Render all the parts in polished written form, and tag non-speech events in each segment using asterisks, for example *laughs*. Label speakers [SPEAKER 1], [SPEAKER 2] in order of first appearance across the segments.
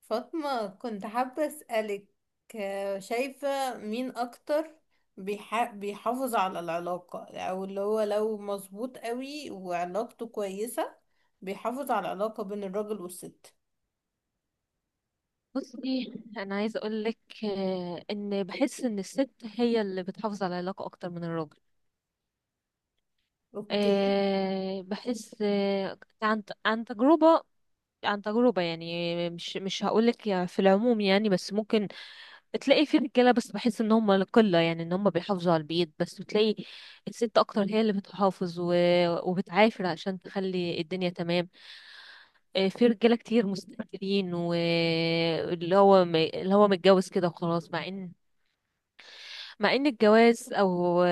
[SPEAKER 1] فاطمة، كنت حابة أسألك، شايفة مين أكتر بيحافظ على العلاقة، أو اللي هو لو مظبوط قوي وعلاقته كويسة بيحافظ على العلاقة بين الراجل والست.
[SPEAKER 2] بصي، انا عايزه اقول لك ان بحس ان الست هي اللي بتحافظ على العلاقه اكتر من الراجل.
[SPEAKER 1] أوكي.
[SPEAKER 2] بحس، عن تجربه. عن تجربه يعني مش هقول لك في العموم، يعني بس ممكن تلاقي في رجاله، بس بحس ان هم القله، يعني ان هم بيحافظوا على البيت، بس بتلاقي الست اكتر هي اللي بتحافظ وبتعافر عشان تخلي الدنيا تمام. في رجاله كتير مستهترين، واللي هو اللي هو متجوز كده وخلاص. مع ان الجواز او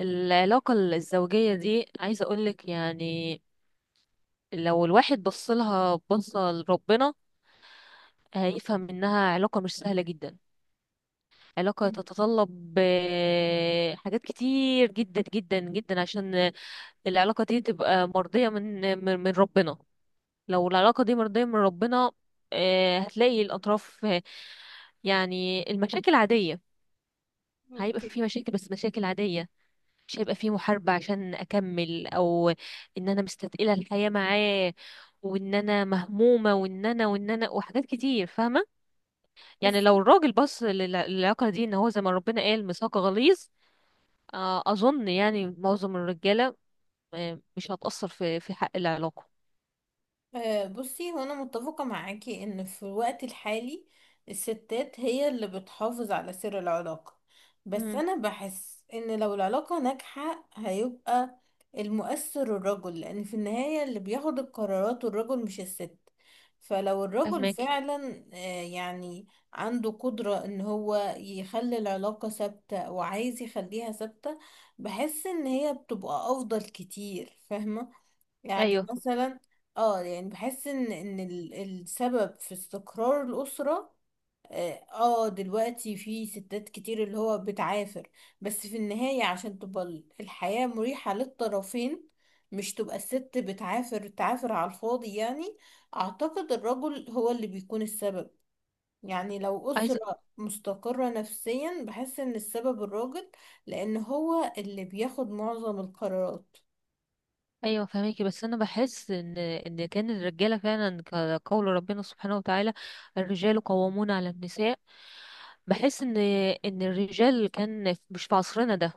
[SPEAKER 2] العلاقة الزوجية دي، عايزة اقولك يعني لو الواحد بصلها بصة لربنا، هيفهم انها علاقة مش سهلة جدا. علاقة تتطلب حاجات كتير جدا جدا جدا، عشان العلاقة دي تبقى مرضية من ربنا. لو العلاقة دي مرضية من ربنا، هتلاقي الأطراف يعني المشاكل عادية. هيبقى
[SPEAKER 1] أوكي.
[SPEAKER 2] في مشاكل، بس مشاكل عادية. مش هيبقى فيه محاربة عشان أكمل، أو إن أنا مستثقلة الحياة معاه، وإن أنا مهمومة، وإن أنا وحاجات كتير، فاهمة؟ يعني
[SPEAKER 1] بصي،
[SPEAKER 2] لو الراجل بص للعلاقة دي إن هو زي ما ربنا قال ميثاق غليظ، أظن يعني معظم الرجالة، مش هتأثر في حق العلاقة.
[SPEAKER 1] بصي، هو انا متفقة معاكي ان في الوقت الحالي الستات هي اللي بتحافظ على سر العلاقة، بس
[SPEAKER 2] امم،
[SPEAKER 1] انا بحس ان لو العلاقة ناجحة هيبقى المؤثر الرجل، لان في النهاية اللي بياخد القرارات الرجل مش الست. فلو الرجل
[SPEAKER 2] فهماكي.
[SPEAKER 1] فعلا يعني عنده قدرة ان هو يخلي العلاقة ثابتة وعايز يخليها ثابتة، بحس ان هي بتبقى افضل كتير، فاهمة؟ يعني
[SPEAKER 2] أيوه،
[SPEAKER 1] مثلا اه، يعني بحس ان السبب في استقرار الأسرة. اه، دلوقتي في ستات كتير اللي هو بتعافر، بس في النهاية عشان تبقى الحياة مريحة للطرفين، مش تبقى الست بتعافر تعافر على الفاضي يعني. اعتقد الرجل هو اللي بيكون السبب، يعني لو
[SPEAKER 2] عايزة.
[SPEAKER 1] أسرة مستقرة نفسيا بحس ان السبب الراجل، لان هو اللي بياخد معظم القرارات.
[SPEAKER 2] ايوه فهميكي، بس انا بحس ان ان كان الرجاله فعلا كقول ربنا سبحانه وتعالى، الرجال قوامون على النساء. بحس ان ان الرجال، كان مش في عصرنا ده،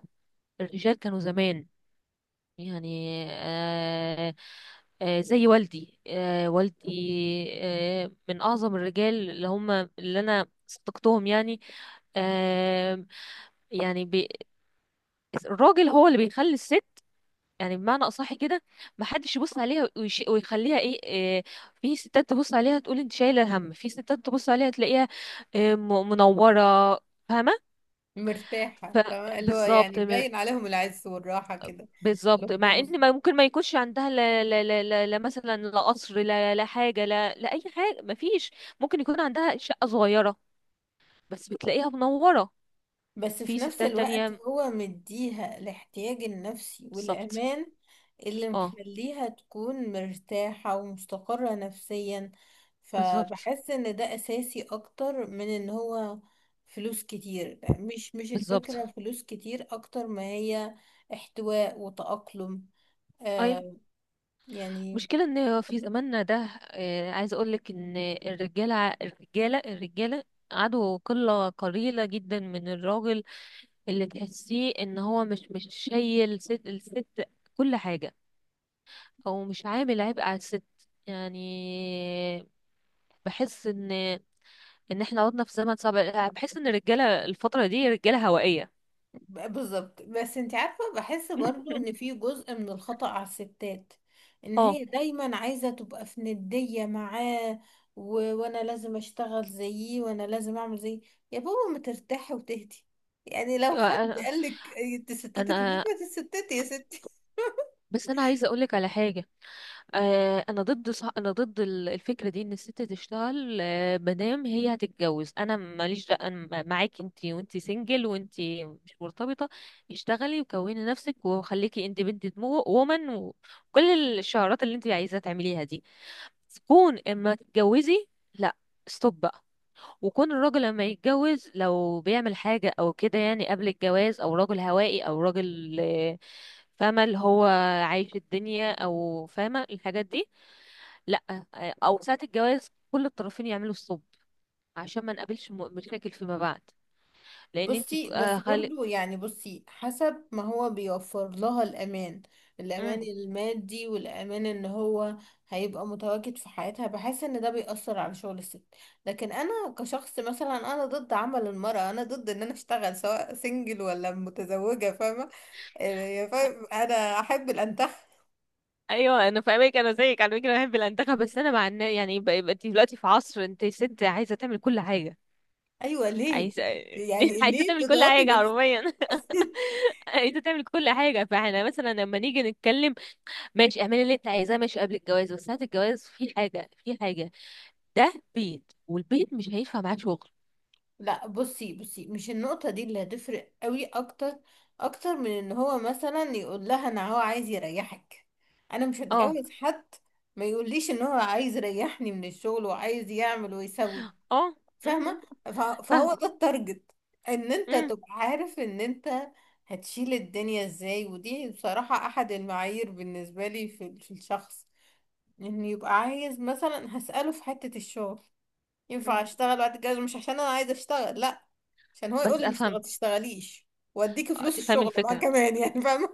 [SPEAKER 2] الرجال كانوا زمان، يعني، آه، آه زي والدي. آه والدي. من اعظم الرجال اللي هم اللي انا صدقتهم يعني. آه، يعني الراجل هو اللي بيخلي الست، يعني بمعنى اصح كده، ما حدش يبص عليها ويخليها إيه. في ستات تبص عليها تقول انت شايله هم، في ستات تبص عليها تلاقيها إيه، منوره. فاهمه؟
[SPEAKER 1] مرتاحة،
[SPEAKER 2] ف-
[SPEAKER 1] فاهمة اللي هو يعني
[SPEAKER 2] بالظبط مر-
[SPEAKER 1] باين عليهم العز والراحة كده. اللي
[SPEAKER 2] بالظبط. مع
[SPEAKER 1] هم مس-
[SPEAKER 2] ان ما ممكن ما يكونش عندها لا مثلا، لا قصر، لا حاجه، لا اي حاجه، ما فيش. ممكن يكون عندها شقه صغيره، بس بتلاقيها منوره.
[SPEAKER 1] بس في
[SPEAKER 2] في
[SPEAKER 1] نفس
[SPEAKER 2] ستات
[SPEAKER 1] الوقت
[SPEAKER 2] تانية.
[SPEAKER 1] هو مديها الاحتياج النفسي
[SPEAKER 2] بالظبط.
[SPEAKER 1] والأمان، اللي
[SPEAKER 2] اه.
[SPEAKER 1] مخليها تكون مرتاحة ومستقرة نفسيا.
[SPEAKER 2] بالظبط.
[SPEAKER 1] فبحس ان ده أساسي أكتر من ان هو فلوس كتير. مش
[SPEAKER 2] بالظبط.
[SPEAKER 1] الفكرة فلوس كتير، أكتر ما هي احتواء وتأقلم.
[SPEAKER 2] اي
[SPEAKER 1] آه يعني.
[SPEAKER 2] مشكلة ان في زماننا ده، عايزة اقولك ان الرجالة، الرجالة عدو قلة قليلة جدا من الراجل اللي تحسيه ان هو مش شايل ست، الست كل حاجة، او مش عامل عبء على الست، يعني. بحس ان ان احنا عدنا في زمن صعب. بحس ان الرجالة الفترة دي رجالة هوائية.
[SPEAKER 1] بالظبط، بس انت عارفة بحس برضو ان في
[SPEAKER 2] *laughs*
[SPEAKER 1] جزء من الخطأ على الستات، ان
[SPEAKER 2] اه.
[SPEAKER 1] هي دايما عايزة تبقى في ندية معاه. وانا لازم اشتغل زيه، وانا لازم اعمل زيه. يا بابا، ما ترتاحي وتهدي. يعني لو حد
[SPEAKER 2] أنا
[SPEAKER 1] قالك تستتك في البيت،
[SPEAKER 2] أنا-
[SPEAKER 1] ما تستتي يا ستي.
[SPEAKER 2] بس انا عايزه اقولك على حاجه. انا ضد الفكره دي، ان الست تشتغل. مادام هي هتتجوز، انا ماليش معاكي انت وانت سنجل وانت مش مرتبطه. اشتغلي وكوني نفسك وخليكي اندبندنت وومن وكل الشعارات اللي انت عايزه تعمليها دي. كون اما تتجوزي، لا، ستوب بقى. وكون الراجل لما يتجوز، لو بيعمل حاجه او كده يعني قبل الجواز، او راجل هوائي، او راجل فاهمه اللي هو عايش الدنيا، او فاهمه الحاجات دي، لا. او ساعة الجواز كل الطرفين يعملوا الصب، عشان ما نقابلش مشاكل فيما بعد. لان انت
[SPEAKER 1] بصي، بس
[SPEAKER 2] آه خالق.
[SPEAKER 1] برضو يعني بصي حسب ما هو بيوفر لها الأمان، الأمان
[SPEAKER 2] مم.
[SPEAKER 1] المادي والأمان إن هو هيبقى متواجد في حياتها، بحس إن ده بيأثر على شغل الست. لكن أنا كشخص مثلا أنا ضد عمل المرأة، أنا ضد إن أنا أشتغل سواء سنجل ولا متزوجة، فاهمة؟ فاهم، أنا أحب الأنتخ.
[SPEAKER 2] ايوه انا فاهمك، انا زيك على فكره بحب الانتخاب، بس انا مع يعني يبقى انت دلوقتي في عصر، انت ست عايزه تعمل كل حاجه.
[SPEAKER 1] أيوة، ليه؟
[SPEAKER 2] عايزه.
[SPEAKER 1] يعني
[SPEAKER 2] *laughs* عايزه
[SPEAKER 1] ليه
[SPEAKER 2] تعمل كل
[SPEAKER 1] تضغطي
[SPEAKER 2] حاجه
[SPEAKER 1] نفسك؟
[SPEAKER 2] حرفيا. *laughs*
[SPEAKER 1] *laughs*
[SPEAKER 2] عايزه تعمل كل حاجه. فاحنا مثلا لما نيجي نتكلم، ماشي، اعملي اللي انت عايزاه، ماشي قبل الجواز، بس ساعه الجواز في حاجه، في حاجه. ده بيت، والبيت مش هينفع معاه شغل.
[SPEAKER 1] لا بصي، بصي، مش النقطة دي اللي هتفرق قوي اكتر، اكتر من ان هو مثلا يقول لها انا هو عايز يريحك. انا مش
[SPEAKER 2] اه.
[SPEAKER 1] هتجوز حد ما يقوليش ان هو عايز يريحني من الشغل، وعايز يعمل ويسوي،
[SPEAKER 2] اه. م-
[SPEAKER 1] فاهمة؟
[SPEAKER 2] م.
[SPEAKER 1] فهو
[SPEAKER 2] فاهمة.
[SPEAKER 1] ده التارجت، ان انت
[SPEAKER 2] مم.
[SPEAKER 1] تبقى عارف ان انت هتشيل الدنيا ازاي. ودي بصراحة احد المعايير بالنسبة لي في في الشخص، ان يبقى عايز مثلا. هسأله في حتة الشغل، ينفع
[SPEAKER 2] مم.
[SPEAKER 1] اشتغل بعد الجواز؟ مش عشان انا عايزة اشتغل، لا، عشان هو يقول
[SPEAKER 2] بس
[SPEAKER 1] لي مش
[SPEAKER 2] افهم.
[SPEAKER 1] تغ- تشتغليش، واديكي فلوس
[SPEAKER 2] تفهم
[SPEAKER 1] الشغل معاه
[SPEAKER 2] الفكرة.
[SPEAKER 1] كمان يعني. *laughs* فاهمه؟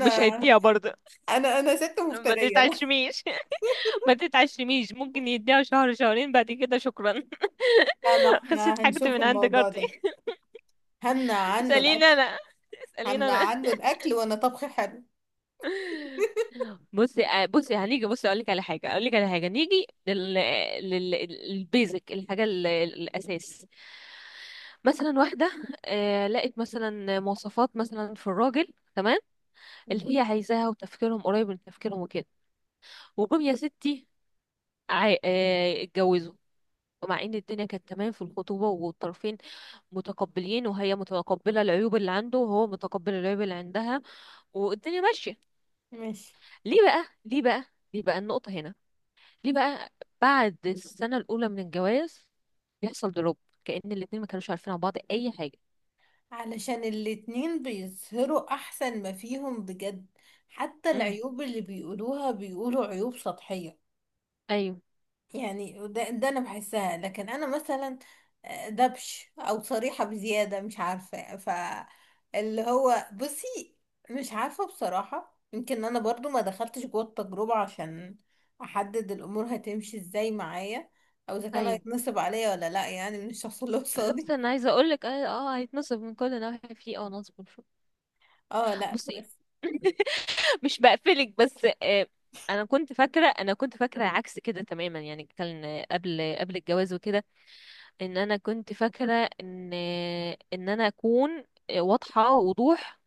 [SPEAKER 2] مش هيديها برضه.
[SPEAKER 1] انا ست
[SPEAKER 2] ما
[SPEAKER 1] مفتريه، لا.
[SPEAKER 2] تتعشميش. *laughs* ما تتعشميش، ممكن يديها شهر شهرين، بعد كده شكرا.
[SPEAKER 1] لا، ما
[SPEAKER 2] *laughs* خسرت
[SPEAKER 1] احنا
[SPEAKER 2] حاجتي
[SPEAKER 1] هنشوف
[SPEAKER 2] من عند
[SPEAKER 1] الموضوع
[SPEAKER 2] جارتي.
[SPEAKER 1] ده. همنع
[SPEAKER 2] *laughs*
[SPEAKER 1] عنه
[SPEAKER 2] اسأليني
[SPEAKER 1] الاكل.
[SPEAKER 2] انا. اسأليني
[SPEAKER 1] همنع
[SPEAKER 2] انا.
[SPEAKER 1] عنه الاكل وانا طبخي حلو.
[SPEAKER 2] بصي، آه، بصي هنيجي بصي اقول لك على حاجة، اقول لك على حاجة. نيجي لل البيزك، الحاجة الاساس. مثلا واحدة، لقت مثلا مواصفات مثلا في الراجل تمام،
[SPEAKER 1] مم.
[SPEAKER 2] اللي هي عايزاها، وتفكيرهم قريب من تفكيرهم وكده. وجم يا ستي، اتجوزوا. ومع ان الدنيا كانت تمام في الخطوبة، والطرفين متقبلين، وهي متقبلة العيوب اللي عنده، وهو متقبل العيوب اللي عندها، والدنيا ماشية.
[SPEAKER 1] *laughs* ماشي.
[SPEAKER 2] ليه بقى؟ ليه بقى؟ ليه بقى؟ النقطة هنا، ليه بقى بعد السنة الأولى من الجواز بيحصل دروب؟ كأن الاتنين ما كانوش عارفين عن بعض أي حاجة.
[SPEAKER 1] علشان الاتنين بيظهروا احسن ما فيهم بجد. حتى
[SPEAKER 2] امم.
[SPEAKER 1] العيوب اللي بيقولوها بيقولوا عيوب سطحية.
[SPEAKER 2] ايوه.
[SPEAKER 1] يعني ده انا بحسها، لكن انا مثلا دبش او صريحة بزيادة، مش عارفة ف اللي هو بصي. مش عارفة بصراحة، يمكن انا برضو ما دخلتش جوه التجربة عشان احدد الامور هتمشي ازاي معايا، او اذا كان
[SPEAKER 2] ايوه.
[SPEAKER 1] هيتنصب عليا ولا لا يعني من الشخص اللي
[SPEAKER 2] لا، بس
[SPEAKER 1] قصادي.
[SPEAKER 2] انا عايزه اقول لك، هيتنصب من كل ناحيه، في اه نصب وشو.
[SPEAKER 1] اه لا
[SPEAKER 2] بصي،
[SPEAKER 1] بس.
[SPEAKER 2] *laughs* مش بقفلك، بس آه، انا كنت فاكره، انا كنت فاكره عكس كده تماما يعني، كان قبل الجواز وكده، ان انا كنت فاكره ان ان انا اكون واضحه وضوح.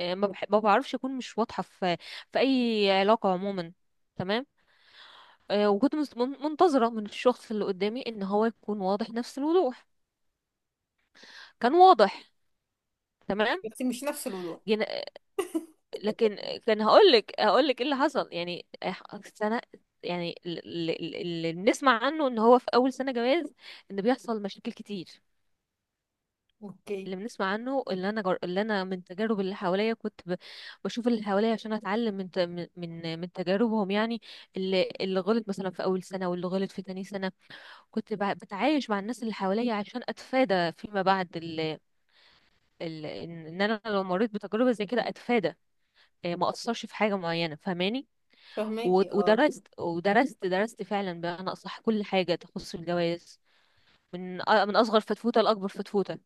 [SPEAKER 2] ما بعرفش اكون مش واضحه في في اي علاقه عموما، تمام. منتظره من الشخص اللي قدامي ان هو يكون واضح نفس الوضوح. كان واضح، تمام.
[SPEAKER 1] بس مش نفس الوضوح. *laughs*
[SPEAKER 2] لكن كان هقولك ايه اللي حصل، يعني سنة. يعني اللي بنسمع عنه ان هو في اول سنة جواز ان بيحصل مشاكل كتير.
[SPEAKER 1] اوكي.
[SPEAKER 2] اللي بنسمع عنه، اللي انا اللي انا من تجارب اللي حواليا، كنت بشوف اللي حواليا عشان اتعلم من ت... من من من تجاربهم، يعني، اللي غلط مثلا في اول سنة، واللي غلط في تاني سنة. كنت بتعايش مع الناس اللي حواليا عشان اتفادى فيما بعد، ال... ال... ان إن انا لو مريت بتجربة زي كده اتفادى، ما اثرش في حاجة معينة، فاهماني؟ و-
[SPEAKER 1] فهماكي، اه.
[SPEAKER 2] ودرست، درست فعلا بمعنى أصح كل حاجة تخص الجواز، من من أصغر فتفوتة لأكبر فتفوتة،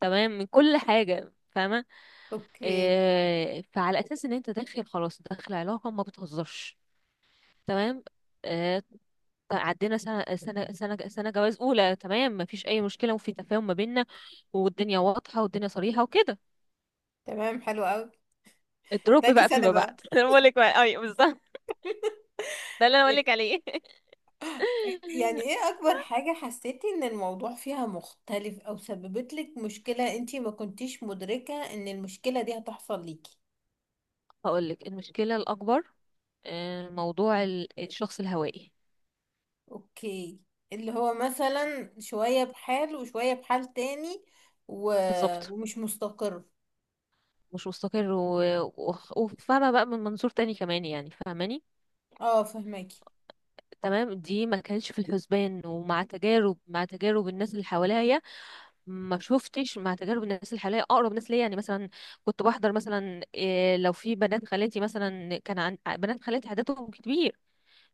[SPEAKER 2] تمام، من كل حاجة، فاهمة؟
[SPEAKER 1] اوكي.
[SPEAKER 2] إيه، فعلى أساس إن أنت داخل خلاص، داخل علاقة ما بتهزرش، تمام. إيه، عدينا سنة، سنة جواز أولى، تمام، مفيش أي مشكلة، وفي تفاهم ما بيننا، والدنيا واضحة، والدنيا صريحة وكده.
[SPEAKER 1] تمام، حلو قوي.
[SPEAKER 2] الدروب
[SPEAKER 1] تاني
[SPEAKER 2] بقى
[SPEAKER 1] سنة
[SPEAKER 2] فيما
[SPEAKER 1] بقى؟
[SPEAKER 2] بعد. *laughs* أنا بقولك بقى، أيوة بالظبط، ده اللي أنا بقولك عليه. *laughs*
[SPEAKER 1] يعني ايه اكبر حاجة حسيتي ان الموضوع فيها مختلف، او سببت لك مشكلة انتي ما كنتيش مدركة ان المشكلة دي هتحصل ليكي؟
[SPEAKER 2] هقولك المشكلة الأكبر، موضوع الشخص الهوائي.
[SPEAKER 1] اوكي. اللي هو مثلا شوية بحال وشوية بحال تاني و...
[SPEAKER 2] بالظبط،
[SPEAKER 1] ومش مستقر.
[SPEAKER 2] مش مستقر، و- و- وفاهمة بقى من منظور تاني كمان، يعني فاهماني؟
[SPEAKER 1] اه فهماكي.
[SPEAKER 2] تمام، دي ما كانتش في الحسبان. ومع تجارب، مع تجارب الناس اللي حواليا، ما شفتش. مع تجارب الناس اللي حواليا، اقرب ناس ليا يعني، مثلا كنت بحضر مثلا إيه، لو في بنات خالاتي مثلا، كان عن بنات خالاتي عددهم كبير،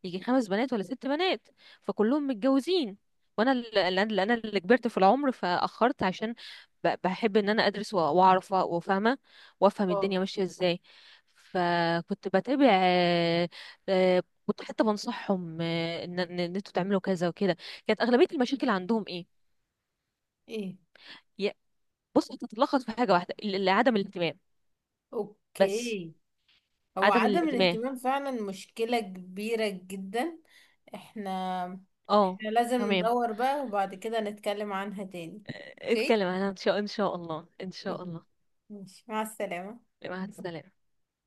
[SPEAKER 2] يجي خمس بنات ولا ست بنات، فكلهم متجوزين. وانا اللي كبرت في العمر فاخرت عشان بحب ان انا ادرس واعرف وفاهمه، وافهم
[SPEAKER 1] اه.
[SPEAKER 2] الدنيا ماشيه ازاي. فكنت بتابع، كنت حتى بنصحهم، آه، ان ان إن انتوا تعملوا كذا وكده. كانت اغلبيه المشاكل عندهم ايه؟
[SPEAKER 1] ايه.
[SPEAKER 2] يا- بص، هتتلخص في حاجه واحده، عدم الاهتمام، بس.
[SPEAKER 1] اوكي. هو
[SPEAKER 2] عدم
[SPEAKER 1] عدم
[SPEAKER 2] الاهتمام.
[SPEAKER 1] الاهتمام فعلا مشكلة كبيرة جدا. احنا،
[SPEAKER 2] اه.
[SPEAKER 1] احنا لازم
[SPEAKER 2] تمام.
[SPEAKER 1] ندور بقى وبعد كده نتكلم عنها تاني.
[SPEAKER 2] آه،
[SPEAKER 1] اوكي،
[SPEAKER 2] اتكلم عنها ان شاء ان شاء الله، ان شاء الله.
[SPEAKER 1] ماشي، مع السلامة.
[SPEAKER 2] مع السلامه.